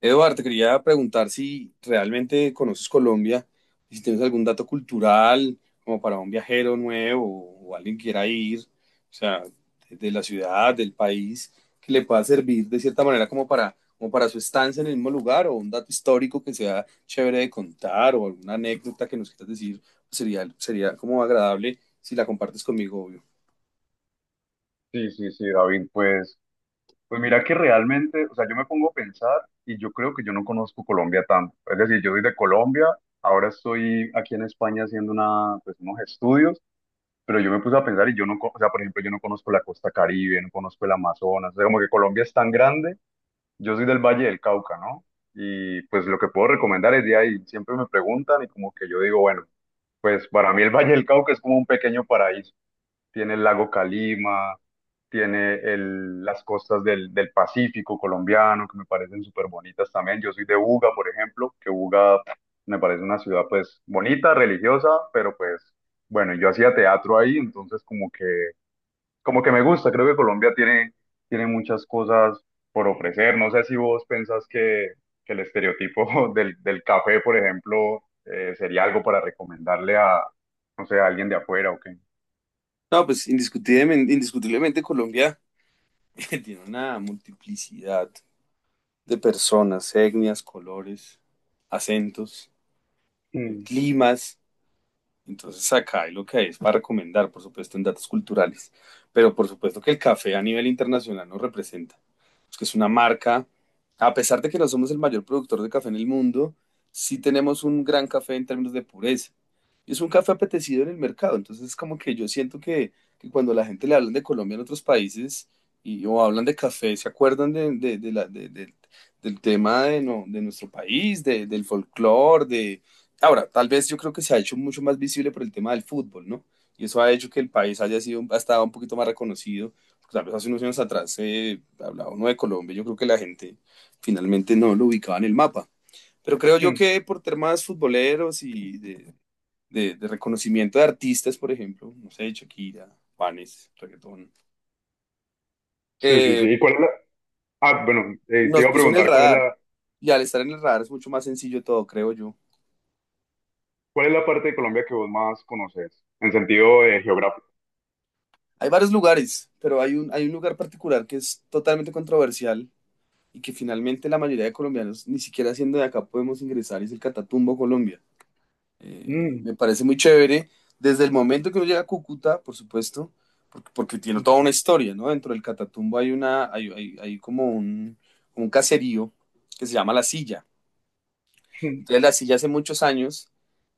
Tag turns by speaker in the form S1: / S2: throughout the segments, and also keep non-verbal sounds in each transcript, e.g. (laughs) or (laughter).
S1: Eduardo, te quería preguntar si realmente conoces Colombia, y si tienes algún dato cultural como para un viajero nuevo o alguien que quiera ir, o sea, de la ciudad, del país, que le pueda servir de cierta manera como para su estancia en el mismo lugar o un dato histórico que sea chévere de contar o alguna anécdota que nos quieras decir, pues sería como agradable si la compartes conmigo, obvio.
S2: Sí, sí, sí, David, pues, pues mira que realmente, o sea, yo me pongo a pensar y yo creo que yo no conozco Colombia tanto. Es decir, yo soy de Colombia, ahora estoy aquí en España haciendo una, pues, unos estudios, pero yo me puse a pensar y yo no, co- o sea, por ejemplo, yo no conozco la costa Caribe, no conozco el Amazonas, o sea, como que Colombia es tan grande, yo soy del Valle del Cauca, ¿no? Y pues lo que puedo recomendar es de ahí, siempre me preguntan y como que yo digo, bueno, pues para mí el Valle del Cauca es como un pequeño paraíso, tiene el lago Calima, tiene las costas del Pacífico colombiano, que me parecen súper bonitas también. Yo soy de Buga, por ejemplo, que Buga me parece una ciudad pues bonita, religiosa, pero pues bueno, yo hacía teatro ahí, entonces como que me gusta, creo que Colombia tiene, tiene muchas cosas por ofrecer. No sé si vos pensás que el estereotipo (laughs) del café, por ejemplo, sería algo para recomendarle a, no sé, a alguien de afuera o qué.
S1: No, pues indiscutiblemente, indiscutiblemente Colombia (laughs) tiene una multiplicidad de personas, etnias, colores, acentos, climas. Entonces acá hay lo que hay es para recomendar, por supuesto, en datos culturales, pero por supuesto que el café a nivel internacional nos representa, es que es una marca, a pesar de que no somos el mayor productor de café en el mundo, sí tenemos un gran café en términos de pureza. Y es un café apetecido en el mercado, entonces es como que yo siento que cuando la gente le hablan de Colombia en otros países y o hablan de café, se acuerdan de la- de- del tema de, no- de nuestro país, del folclore, de ahora, tal vez yo creo que se ha hecho mucho más visible por el tema del fútbol, ¿no? Y eso ha hecho que el país haya sido, ha estado un poquito más reconocido. Pues, tal vez hace unos años atrás se hablaba uno de Colombia, yo creo que la gente finalmente no lo ubicaba en el mapa. Pero creo yo
S2: Mm.
S1: que por temas futboleros y de reconocimiento de artistas, por ejemplo, no sé, Shakira, Juanes, reggaetón,
S2: Sí, sí,
S1: eh,
S2: sí. ¿Y cuál es la... Ah, bueno, te
S1: nos
S2: iba a
S1: puso en el
S2: preguntar,
S1: radar. Y al estar en el radar es mucho más sencillo todo, creo yo.
S2: cuál es la parte de Colombia que vos más conoces en sentido geográfico?
S1: Hay varios lugares, pero hay un lugar particular que es totalmente controversial y que finalmente la mayoría de colombianos ni siquiera siendo de acá podemos ingresar, es el Catatumbo Colombia.
S2: Mm.
S1: Me parece muy chévere desde el momento que uno llega a Cúcuta, por supuesto, porque tiene toda una historia, ¿no? Dentro del Catatumbo hay una, hay como un caserío que se llama La Silla, entonces
S2: (laughs)
S1: la silla hace muchos años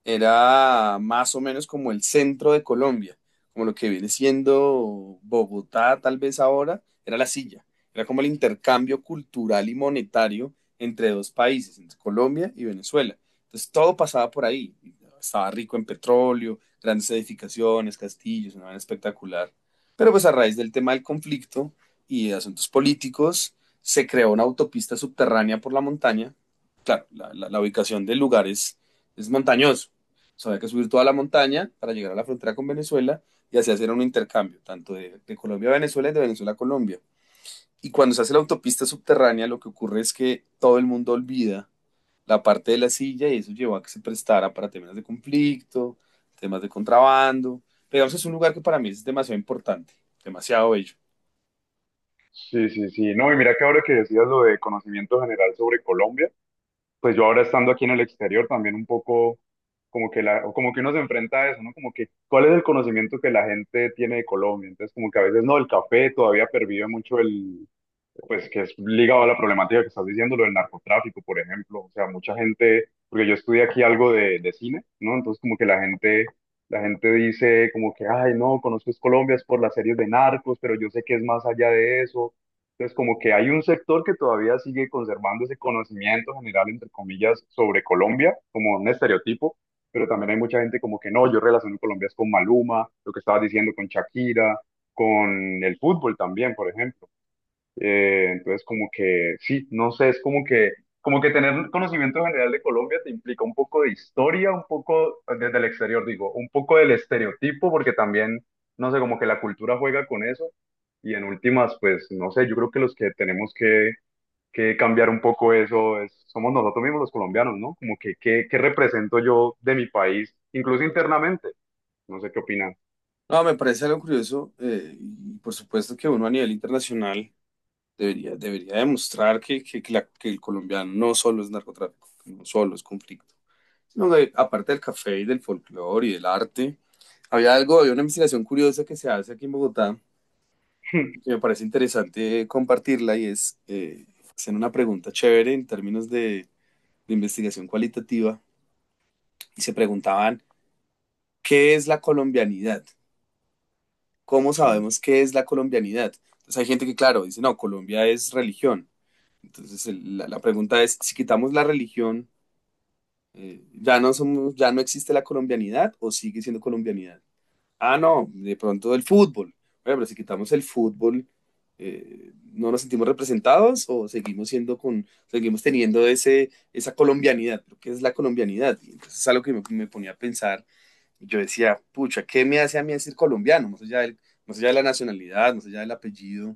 S1: era más o menos como el centro de Colombia, como lo que viene siendo Bogotá tal vez ahora, era la silla. Era como el intercambio cultural y monetario entre dos países, entre Colombia y Venezuela. Entonces todo pasaba por ahí. Estaba rico en petróleo, grandes edificaciones, castillos, una vaina espectacular. Pero pues a raíz del tema del conflicto y de asuntos políticos, se creó una autopista subterránea por la montaña. Claro, la ubicación del lugar es montañoso. O sea, había que subir toda la montaña para llegar a la frontera con Venezuela y así hacer un intercambio, tanto de Colombia a Venezuela y de Venezuela a Colombia. Y cuando se hace la autopista subterránea, lo que ocurre es que todo el mundo olvida la parte de la silla y eso llevó a que se prestara para temas de conflicto, temas de contrabando. Pero digamos, es un lugar que para mí es demasiado importante, demasiado bello.
S2: Sí, sí, sí. No, y mira que ahora que decías lo de conocimiento general sobre Colombia, pues yo ahora estando aquí en el exterior también un poco como que la, como que uno se enfrenta a eso, ¿no? Como que, ¿cuál es el conocimiento que la gente tiene de Colombia? Entonces, como que a veces no, el café todavía pervive mucho el, pues que es ligado a la problemática que estás diciendo, lo del narcotráfico, por ejemplo. O sea, mucha gente, porque yo estudié aquí algo de cine, ¿no? Entonces como que la gente dice como que, ay, no, conozco es Colombia es por las series de narcos, pero yo sé que es más allá de eso. Entonces como que hay un sector que todavía sigue conservando ese conocimiento general, entre comillas, sobre Colombia, como un estereotipo. Pero también hay mucha gente como que no, yo relaciono Colombia es con Maluma, lo que estabas diciendo con Shakira, con el fútbol también, por ejemplo, entonces, como que, sí, no sé, es como que tener un conocimiento general de Colombia te implica un poco de historia, un poco desde el exterior, digo, un poco del estereotipo, porque también, no sé, como que la cultura juega con eso. Y en últimas, pues, no sé, yo creo que los que tenemos que cambiar un poco eso es, somos nosotros mismos los colombianos, ¿no? Como que, ¿qué, qué represento yo de mi país, incluso internamente? No sé qué opinan.
S1: No, me parece algo curioso y por supuesto que uno a nivel internacional debería demostrar que el colombiano no solo es narcotráfico, que no solo es conflicto, sino que aparte del café y del folclore y del arte, había algo, había una investigación curiosa que se hace aquí en Bogotá, que
S2: (laughs)
S1: me parece interesante compartirla y es hacer una pregunta chévere en términos de investigación cualitativa y se preguntaban, ¿qué es la colombianidad? ¿Cómo
S2: Sí.
S1: sabemos qué es la colombianidad? Entonces hay gente que, claro, dice, no, Colombia es religión. Entonces la pregunta es, si quitamos la religión, ya no somos, ya no existe la colombianidad o sigue siendo colombianidad. Ah, no, de pronto el fútbol. Bueno, pero si quitamos el fútbol, ¿no nos sentimos representados o seguimos teniendo esa colombianidad? Lo que es la colombianidad. Y entonces es algo que me ponía a pensar. Y yo decía, pucha, ¿qué me hace a mí decir colombiano? Más allá de la nacionalidad, más allá del apellido,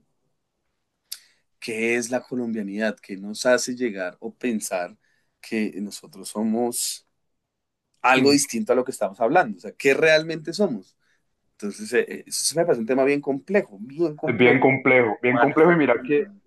S1: ¿qué es la colombianidad? ¿Qué nos hace llegar o pensar que nosotros somos algo
S2: (laughs)
S1: distinto a lo que estamos hablando? O sea, ¿qué realmente somos? Entonces, eso se me parece un tema bien complejo, bien
S2: Es
S1: complejo.
S2: bien complejo, bien
S1: ¿Cuál es
S2: complejo.
S1: la
S2: Y mira que
S1: economía?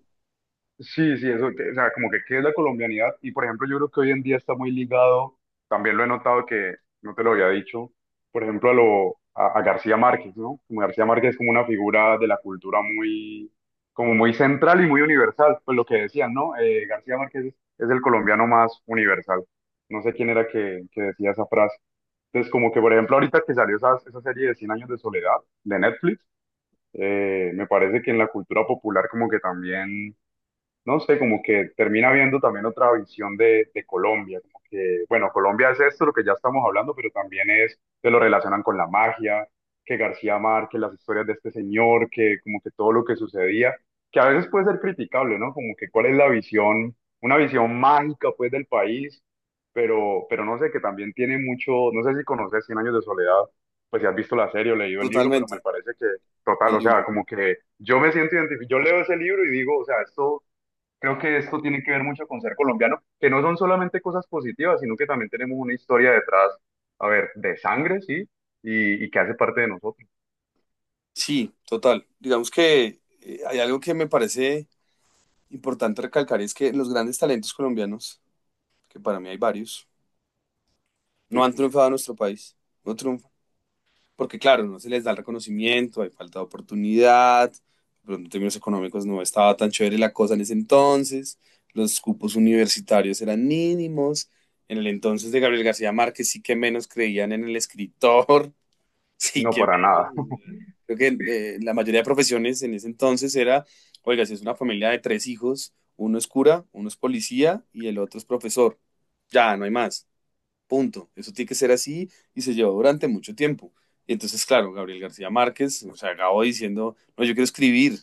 S2: sí, sí, eso, que- o sea, como que qué es la colombianidad. Y por ejemplo, yo creo que hoy en día está muy ligado, también lo he notado que no te lo había dicho, por ejemplo, a a García Márquez, ¿no? Como García Márquez es como una figura de la cultura muy, como muy central y muy universal. Pues lo que decían, ¿no? García Márquez es el colombiano más universal. No sé quién era que decía esa frase. Entonces, como que por ejemplo, ahorita que salió esa, esa serie de Cien Años de Soledad de Netflix, me parece que en la cultura popular como que también no sé, como que termina viendo también otra visión de Colombia, como que, bueno, Colombia es esto, lo que ya estamos hablando, pero también es, que lo relacionan con la magia, que García Márquez, las historias de este señor, que como que todo lo que sucedía, que a veces puede ser criticable, ¿no? Como que cuál es la visión, una visión mágica pues del país, pero no sé, que también tiene mucho, no sé si conoces Cien Años de Soledad, pues si has visto la serie o leído el libro, pero me
S1: Totalmente,
S2: parece que,
S1: el
S2: total, o sea,
S1: libro.
S2: como que yo me siento identificado, yo leo ese libro y digo, o sea, esto. Creo que esto tiene que ver mucho con ser colombiano, que no son solamente cosas positivas, sino que también tenemos una historia detrás, a ver, de sangre, sí, y que hace parte de nosotros.
S1: Sí, total. Digamos que hay algo que me parece importante recalcar y es que los grandes talentos colombianos, que para mí hay varios, no
S2: Sí,
S1: han triunfado en nuestro país. No, triunfan. Porque claro, no se les da el reconocimiento, hay falta de oportunidad, pero en términos económicos no estaba tan chévere la cosa en ese entonces, los cupos universitarios eran mínimos, en el entonces de Gabriel García Márquez sí que menos creían en el escritor, (laughs) sí
S2: no
S1: que
S2: para nada.
S1: menos,
S2: (laughs)
S1: creo que la mayoría de profesiones en ese entonces era, oiga, si es una familia de tres hijos, uno es cura, uno es policía y el otro es profesor, ya no hay más. Punto. Eso tiene que ser así y se llevó durante mucho tiempo. Y entonces, claro, Gabriel García Márquez, o sea, acabó diciendo, no, yo quiero escribir.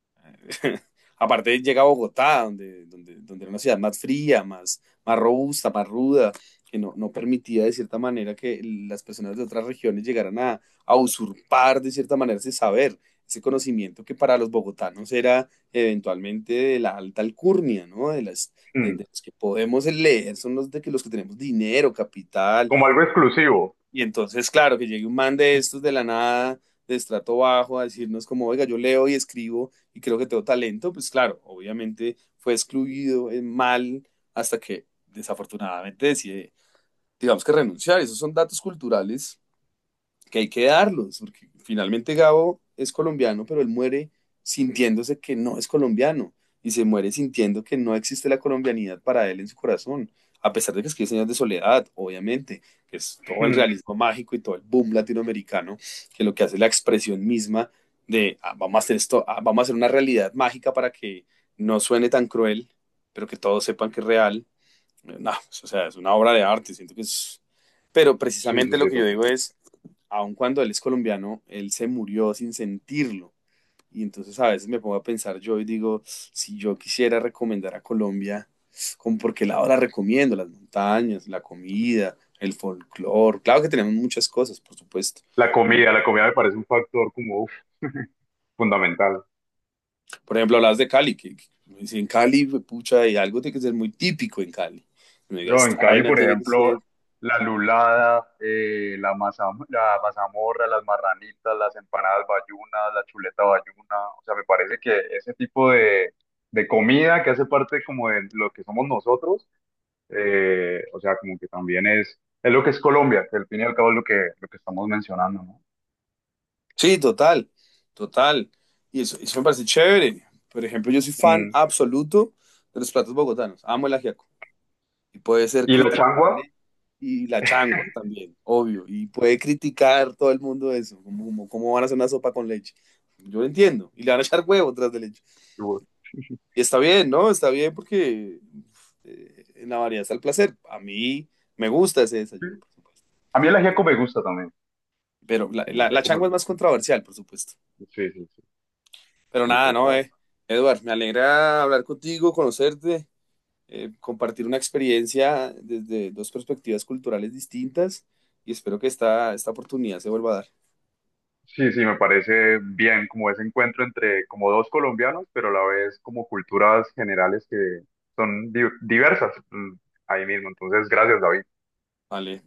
S1: (laughs) Aparte llega a Bogotá, donde era una ciudad más fría, más robusta, más ruda, que no, no permitía de cierta manera que las personas de otras regiones llegaran a usurpar de cierta manera ese saber, ese conocimiento que para los bogotanos era eventualmente de la alta alcurnia, ¿no? De las, de,
S2: Mm.
S1: de los que podemos leer son los de que los que tenemos dinero, capital,
S2: Como algo exclusivo.
S1: y entonces, claro, que llegue un man de estos
S2: (laughs)
S1: de la nada, de estrato bajo, a decirnos como, oiga, yo leo y escribo y creo que tengo talento, pues claro, obviamente fue excluido mal hasta que desafortunadamente decide, digamos que renunciar. Esos son datos culturales que hay que darlos, porque finalmente Gabo es colombiano, pero él muere sintiéndose que no es colombiano y se muere sintiendo que no existe la colombianidad para él en su corazón, a pesar de que escribe Señas de Soledad, obviamente, que es todo el
S2: Mm.
S1: realismo mágico y todo el boom latinoamericano, que lo que hace es la expresión misma de ah, vamos a hacer esto, ah, vamos a hacer una realidad mágica para que no suene tan cruel, pero que todos sepan que es real. No, o sea, es una obra de arte, siento que es. Pero
S2: Sí,
S1: precisamente
S2: sí,
S1: lo
S2: sí,
S1: que yo digo
S2: totalmente.
S1: es, aun cuando él es colombiano, él se murió sin sentirlo. Y entonces a veces me pongo a pensar yo y digo, si yo quisiera recomendar a Colombia, ¿con por qué lado la recomiendo? Las montañas, la comida, el folclore. Claro que tenemos muchas cosas, por supuesto.
S2: La comida me parece un factor como uf, fundamental.
S1: Por ejemplo, hablas de Cali, que me dicen, en Cali, pucha, hay algo tiene que ser muy típico en Cali. Me diga,
S2: Yo en
S1: esta
S2: Cali,
S1: vaina
S2: por
S1: tiene que
S2: ejemplo,
S1: ser.
S2: la lulada, la masa, la mazamorra, las marranitas, las empanadas bayunas, la chuleta bayuna, o sea, me parece que ese tipo de comida que hace parte como de lo que somos nosotros, o sea, como que también es lo que es Colombia, que al fin y al cabo es lo que estamos mencionando, ¿no?
S1: Sí, total, total. Y eso me parece chévere. Por ejemplo, yo soy fan
S2: Mm.
S1: absoluto de los platos bogotanos. Amo el ajiaco. Y puede ser
S2: Y la changua,
S1: criticable y la changua también, obvio. Y puede criticar todo el mundo eso, como cómo van a hacer una sopa con leche. Yo lo entiendo. Y le van a echar huevo tras de leche. Y está bien, ¿no? Está bien porque en la variedad está el placer. A mí me gusta ese
S2: sí.
S1: desayuno, por supuesto.
S2: A mí el ajiaco me gusta también,
S1: Pero la,
S2: el
S1: la, la
S2: ajiaco me
S1: changua es
S2: gusta,
S1: más controversial, por supuesto.
S2: sí, sí, sí,
S1: Pero
S2: sí,
S1: nada, no.
S2: total.
S1: Edward, me alegra hablar contigo, conocerte, compartir una experiencia desde dos perspectivas culturales distintas y espero que esta oportunidad se vuelva a dar.
S2: Sí, sí, me parece bien como ese encuentro entre como dos colombianos, pero a la vez como culturas generales que son di- diversas, mm, ahí mismo. Entonces, gracias, David.
S1: Vale.